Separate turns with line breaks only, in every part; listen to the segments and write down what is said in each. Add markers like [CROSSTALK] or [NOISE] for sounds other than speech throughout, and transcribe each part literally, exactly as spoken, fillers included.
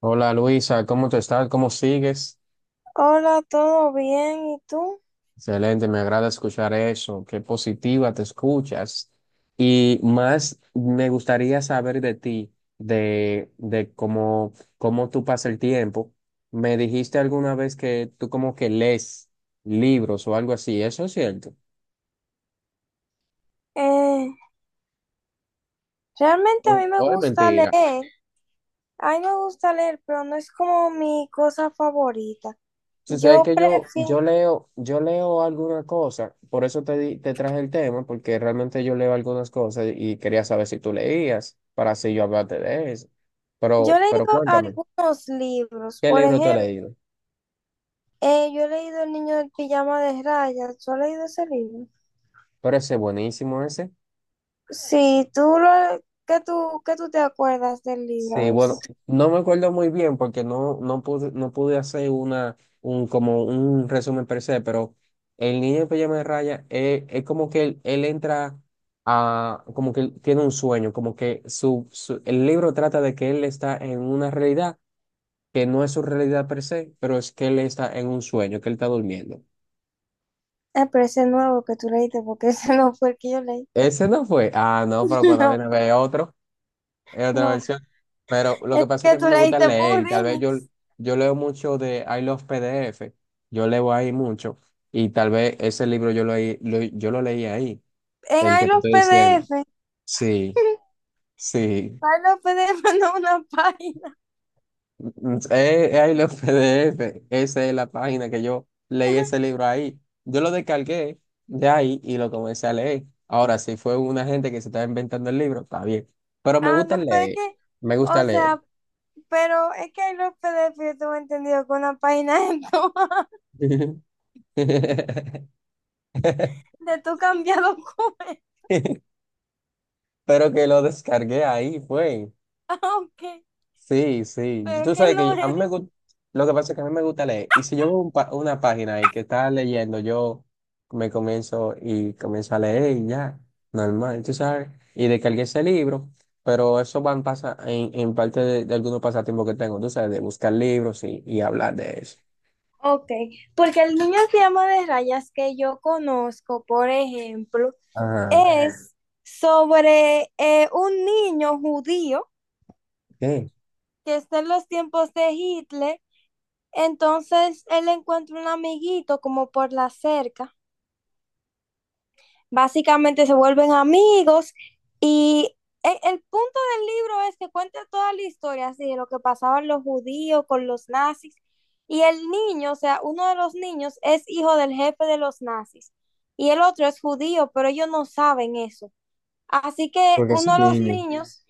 Hola Luisa, ¿cómo te estás? ¿Cómo sigues?
Hola, ¿todo bien? ¿Y tú?
Excelente, me agrada escuchar eso. Qué positiva te escuchas. Y más me gustaría saber de ti, de, de cómo, cómo tú pasas el tiempo. Me dijiste alguna vez que tú como que lees libros o algo así, ¿eso es cierto?
Eh, Realmente
¿O,
a mí me
o es
gusta
mentira?
leer. A mí me gusta leer, pero no es como mi cosa favorita.
Sucede
Yo
que yo,
prefiero,
yo leo, yo leo alguna cosa, por eso te, di- te traje el tema, porque realmente yo leo algunas cosas y quería saber si tú leías, para así yo hablarte de eso.
yo
Pero,
he
pero
leído
cuéntame,
algunos libros.
¿qué
Por
libro tú has
ejemplo,
leído?
eh, yo he leído El niño del pijama de rayas. ¿Tú has leído ese libro?
Pero ese es buenísimo ese.
Sí, tú lo, ¿qué tú, qué tú te acuerdas del libro? A
Sí,
ver si
bueno,
tú-
no me acuerdo muy bien porque no, no pude, no pude hacer una, un, como un resumen per se, pero el niño en pijama de raya eh, es, como que él, él entra a, como que él tiene un sueño, como que su, su- el libro trata de que él está en una realidad que no es su realidad per se, pero es que él está en un sueño, que él está durmiendo.
eh, pero ese nuevo que tú leíste, porque [LAUGHS] ese no fue el que yo leí.
Ese no fue. Ah, no, pero
[LAUGHS]
cuando
No,
viene a ver otro. Es otra
no.
versión. Pero lo
El
que pasa es que
que
a mí
tú
me gusta
leíste
leer
por
y tal vez yo,
remix.
yo leo mucho de I Love P D F. Yo leo ahí mucho y tal vez ese libro yo lo, leí- lo- yo lo leí ahí,
En
el
ahí
que te
los
estoy diciendo.
P D F. Ay,
Sí, sí.
no, P D F no. [LAUGHS] Una página.
Mm, mm, Es, es I Love P D F. Esa es la página que yo leí ese libro ahí. Yo lo descargué de ahí y lo comencé a leer. Ahora, si fue una gente que se estaba inventando el libro, está bien. Pero me
Ah,
gusta
no, pero es
leer.
que,
Me
o
gusta leer.
sea, pero es que hay los P D F, yo tengo entendido que una página de tu- [LAUGHS]
[LAUGHS]
de tu cambiado documento. [LAUGHS]
[LAUGHS] Pero que lo descargué ahí, fue.
Ah, ok,
Sí, sí. Y
pero es
tú
que
sabes que
no
yo- a mí me
es.
gusta, lo que pasa es que a mí me gusta leer. Y si yo veo un pa- una página ahí que está leyendo, yo me comienzo y comienzo a leer y ya, normal, tú sabes. Y descargué ese libro, pero eso van pasa en, en parte de, de algunos pasatiempos que tengo, tú sabes, de buscar libros y, y hablar de eso.
Ok, porque el niño que llama de rayas que yo conozco, por ejemplo,
Ajá.
es sobre eh, un niño judío
¿Qué?
que está en los tiempos de Hitler. Entonces él encuentra un amiguito como por la cerca. Básicamente se vuelven amigos y e- el, punto del libro es que cuenta toda la historia así, de lo que pasaban los judíos con los nazis, y el niño, o sea, uno de los niños es hijo del jefe de los nazis y el otro es judío, pero ellos no saben eso. Así que
Porque es
uno
un
de los
niño.
niños,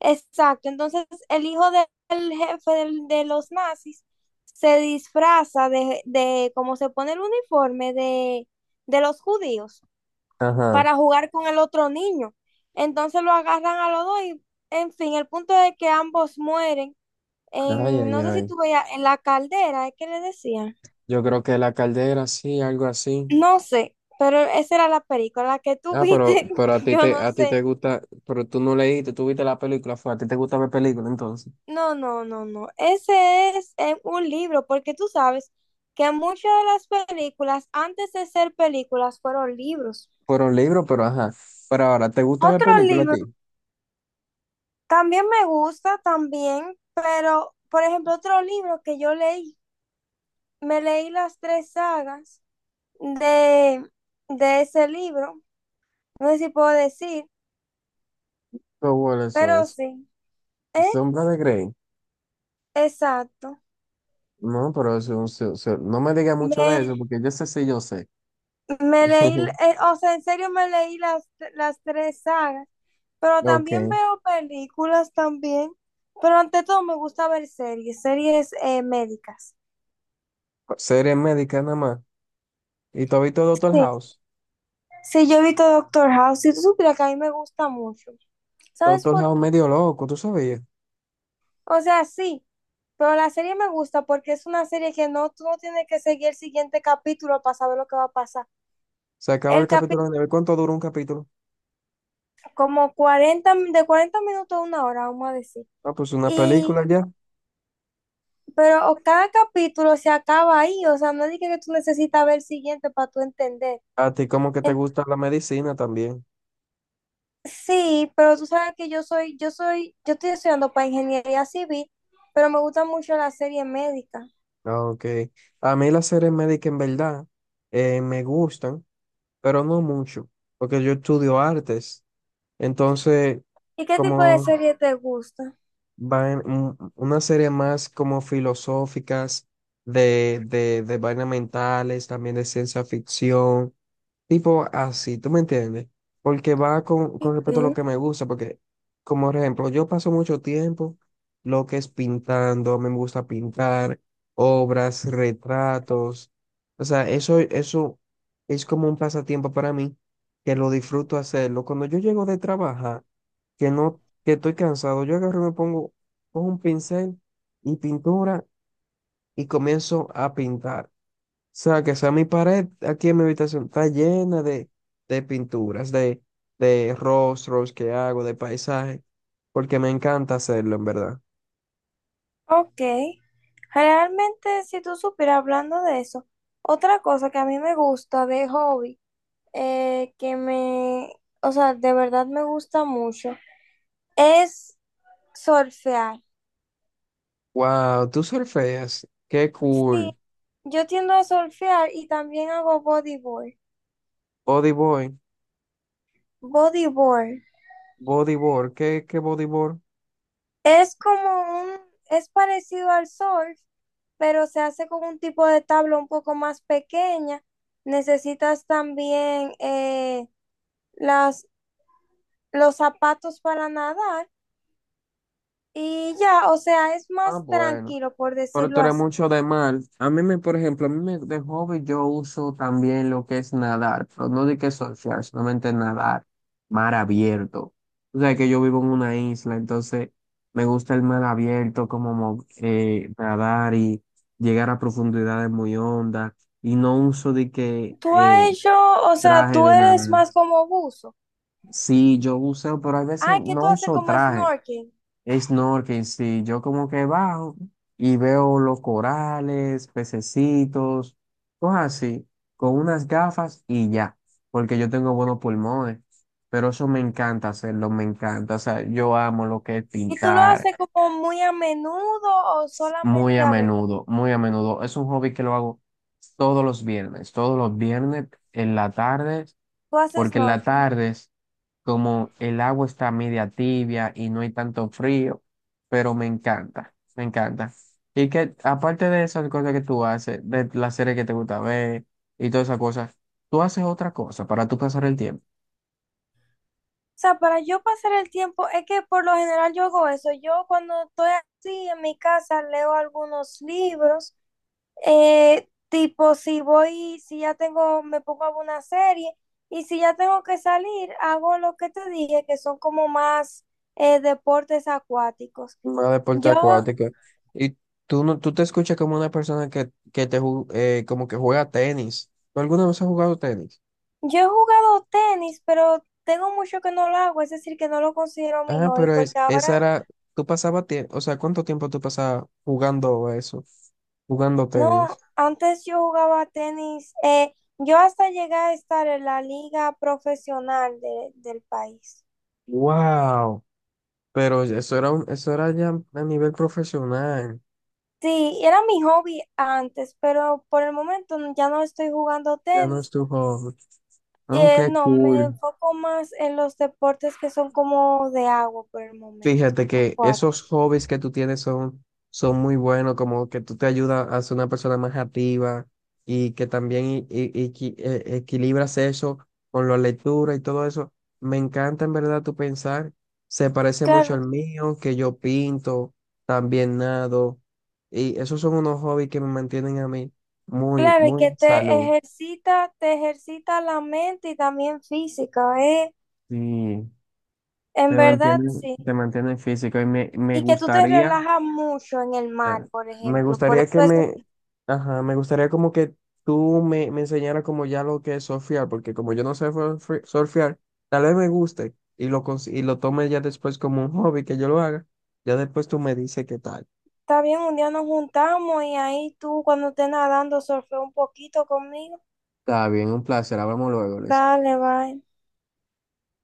exacto, entonces el hijo del jefe del- de los nazis se disfraza de, de, como se pone el uniforme de, de los judíos
Ajá.
para jugar con el otro niño. Entonces lo agarran a los dos y, en fin, el punto es que ambos mueren
Ay,
en,
ay,
no sé si
ay.
tú veías, en la caldera, es que le decían.
Yo creo que la caldera, sí, algo así.
No sé, pero esa era la película la que tú
Ah, pero,
viste,
pero a
[LAUGHS]
ti
yo
te,
no
a ti te
sé.
gusta, pero tú no leíste, tú viste la película, fue, a ti te gusta ver películas entonces.
No, no, no, no. Ese es eh, un libro, porque tú sabes que muchas de las películas, antes de ser películas, fueron libros.
Fueron libros, pero ajá. Pero ahora, ¿te gusta ver
Otro
películas a
libro,
ti?
también me gusta, también, pero, por ejemplo, otro libro que yo leí, me leí las tres sagas de, de ese libro. No sé si puedo decir,
Pero bueno, eso
pero
es.
sí. ¿Eh?
Sombra de Grey.
Exacto.
No, pero eso, eso- eso- no me digas mucho de eso,
Me,
porque yo sé si yo sé.
me leí,
[LAUGHS]
eh, o sea, en serio me leí las, las tres sagas, pero
Ok.
también veo películas también, pero ante todo me gusta ver series, series eh, médicas.
Series médicas nada más. ¿Y tú has visto Doctor
Sí,
House?
sí, yo he visto Doctor House, si tú supieras que a mí me gusta mucho. ¿Sabes
Doctor
por
House
qué?
medio loco, ¿tú sabías?
O sea, sí, pero la serie me gusta porque es una serie que no, tú no tienes que seguir el siguiente capítulo para saber lo que va a pasar.
Se acaba
El
el
capítulo,
capítulo, de ver cuánto dura un capítulo.
como cuarenta mi- de cuarenta minutos a una hora, vamos a decir.
Ah, pues una
Y,
película ya.
pero o- cada capítulo se acaba ahí, o sea, no es de que que tú necesitas ver el siguiente para tú entender.
A ti como que te
En-
gusta la medicina también.
sí, pero tú sabes que yo soy, yo soy, yo estoy estudiando para ingeniería civil, pero me gusta mucho la serie médica.
Ah, ok. A mí las series médicas en verdad eh, me gustan, pero no mucho, porque yo estudio artes. Entonces,
¿Y qué tipo de
como
serie te gusta?
van un- una serie más como filosóficas, de, de, de vainas mentales, también de ciencia ficción. Tipo así, ¿tú me entiendes? Porque va con, con respecto a lo
Ok.
que me gusta, porque, como por ejemplo, yo paso mucho tiempo lo que es pintando, me gusta pintar, obras, retratos. O sea, eso, eso es como un pasatiempo para mí, que lo disfruto hacerlo. Cuando yo llego de trabajar, que no, que estoy cansado, yo agarro y me pongo, pongo un pincel y pintura y comienzo a pintar sea, que sea mi pared aquí en mi habitación, está llena de, de pinturas, de, de rostros que hago, de paisajes, porque me encanta hacerlo, en verdad.
Ok. Realmente, si tú supieras hablando de eso, otra cosa que a mí me gusta de hobby, eh, que me, o sea, de verdad me gusta mucho, es surfear.
Wow, tú surfeas, qué
Sí,
cool.
yo tiendo a surfear y también hago bodyboard.
Bodyboy,
Bodyboard
bodyboard, ¿qué, qué bodyboard?
es como un, es parecido al surf, pero se hace con un tipo de tabla un poco más pequeña. Necesitas también eh, las, los zapatos para nadar. Y ya, o sea, es
Ah,
más
bueno.
tranquilo, por
Pero tú
decirlo
eres
así.
mucho de mal. A mí me, por ejemplo, a mí me, de hobby yo uso también lo que es nadar, pero no de que surfear, solamente nadar, mar abierto. O sea que yo vivo en una isla, entonces me gusta el mar abierto, como mo- eh, nadar y llegar a profundidades muy hondas, y no uso de que
Tú has
eh,
hecho, o sea,
traje
tú
de
eres
nadar.
más como buzo.
Sí, yo uso, pero a veces
Ay, que tú
no
haces
uso
como
traje.
snorkeling.
Snorkeling, sí, yo como que bajo y veo los corales, pececitos, cosas así, con unas gafas y ya, porque yo tengo buenos pulmones, pero eso me encanta hacerlo, me encanta, o sea, yo amo lo que es
¿Y tú lo
pintar
haces como muy a menudo o
muy
solamente
a
a veces?
menudo, muy a menudo, es un hobby que lo hago todos los viernes, todos los viernes en la tarde
Tú haces
porque en las
snorkeling.
tardes, como el agua está media tibia y no hay tanto frío, pero me encanta, me encanta. Y que aparte de esas cosas que tú haces, de las series que te gusta ver y todas esas cosas, tú haces otra cosa para tú pasar el tiempo.
O sea, para yo pasar el tiempo, es que por lo general yo hago eso. Yo cuando estoy así en mi casa leo algunos libros. Eh, tipo, si voy, si ya tengo, me pongo a ver una serie, y si ya tengo que salir, hago lo que te dije, que son como más eh, deportes acuáticos.
Más deporte
Yo,
acuático. Y tú no, tú te escuchas como una persona que, que te ju- eh, como que juega tenis. ¿Tú alguna vez has jugado tenis?
yo he jugado tenis, pero tengo mucho que no lo hago, es decir, que no lo considero mi
Ah,
hobby,
pero
porque
es,
ahora,
esa era, tú pasabas tiempo, o sea, ¿cuánto tiempo tú pasabas jugando a eso? Jugando
no,
tenis.
antes yo jugaba tenis, eh, yo hasta llegué a estar en la liga profesional de- del país.
Wow. Pero eso era un, eso era ya a nivel profesional.
Sí, era mi hobby antes, pero por el momento no- ya no estoy jugando
Ya no es
tenis.
tu hobby. Ah,
Eh,
qué
no, me
cool.
enfoco más en los deportes que son como de agua por el momento.
Fíjate que esos
Acuáticos.
hobbies que tú tienes son, son muy buenos, como que tú te ayudas a ser una persona más activa y que también i- i- equi- eh, equilibras eso con la lectura y todo eso. Me encanta en verdad tu pensar, se parece
Claro,
mucho al mío, que yo pinto, también nado, y esos son unos hobbies que me mantienen a mí muy,
claro, y
muy
que
en
te
salud.
ejercita, te ejercita la mente y también física, ¿eh?
Sí,
En
te
verdad,
mantienen,
sí.
te mantienen físico y me, me
Y que tú te
gustaría.
relajas mucho en el mar,
Ya.
por
Me
ejemplo. Por
gustaría que
eso
me,
es-
ajá, me gustaría como que tú me, me enseñaras como ya lo que es surfear, porque como yo no sé surfe- surfear, tal vez me guste y lo, cons- y lo tome ya después como un hobby que yo lo haga, ya después tú me dices qué tal.
está bien, un día nos juntamos y ahí tú cuando estés nadando surfea un poquito conmigo.
Está bien, un placer. Hablamos luego, Luis.
Dale, bye.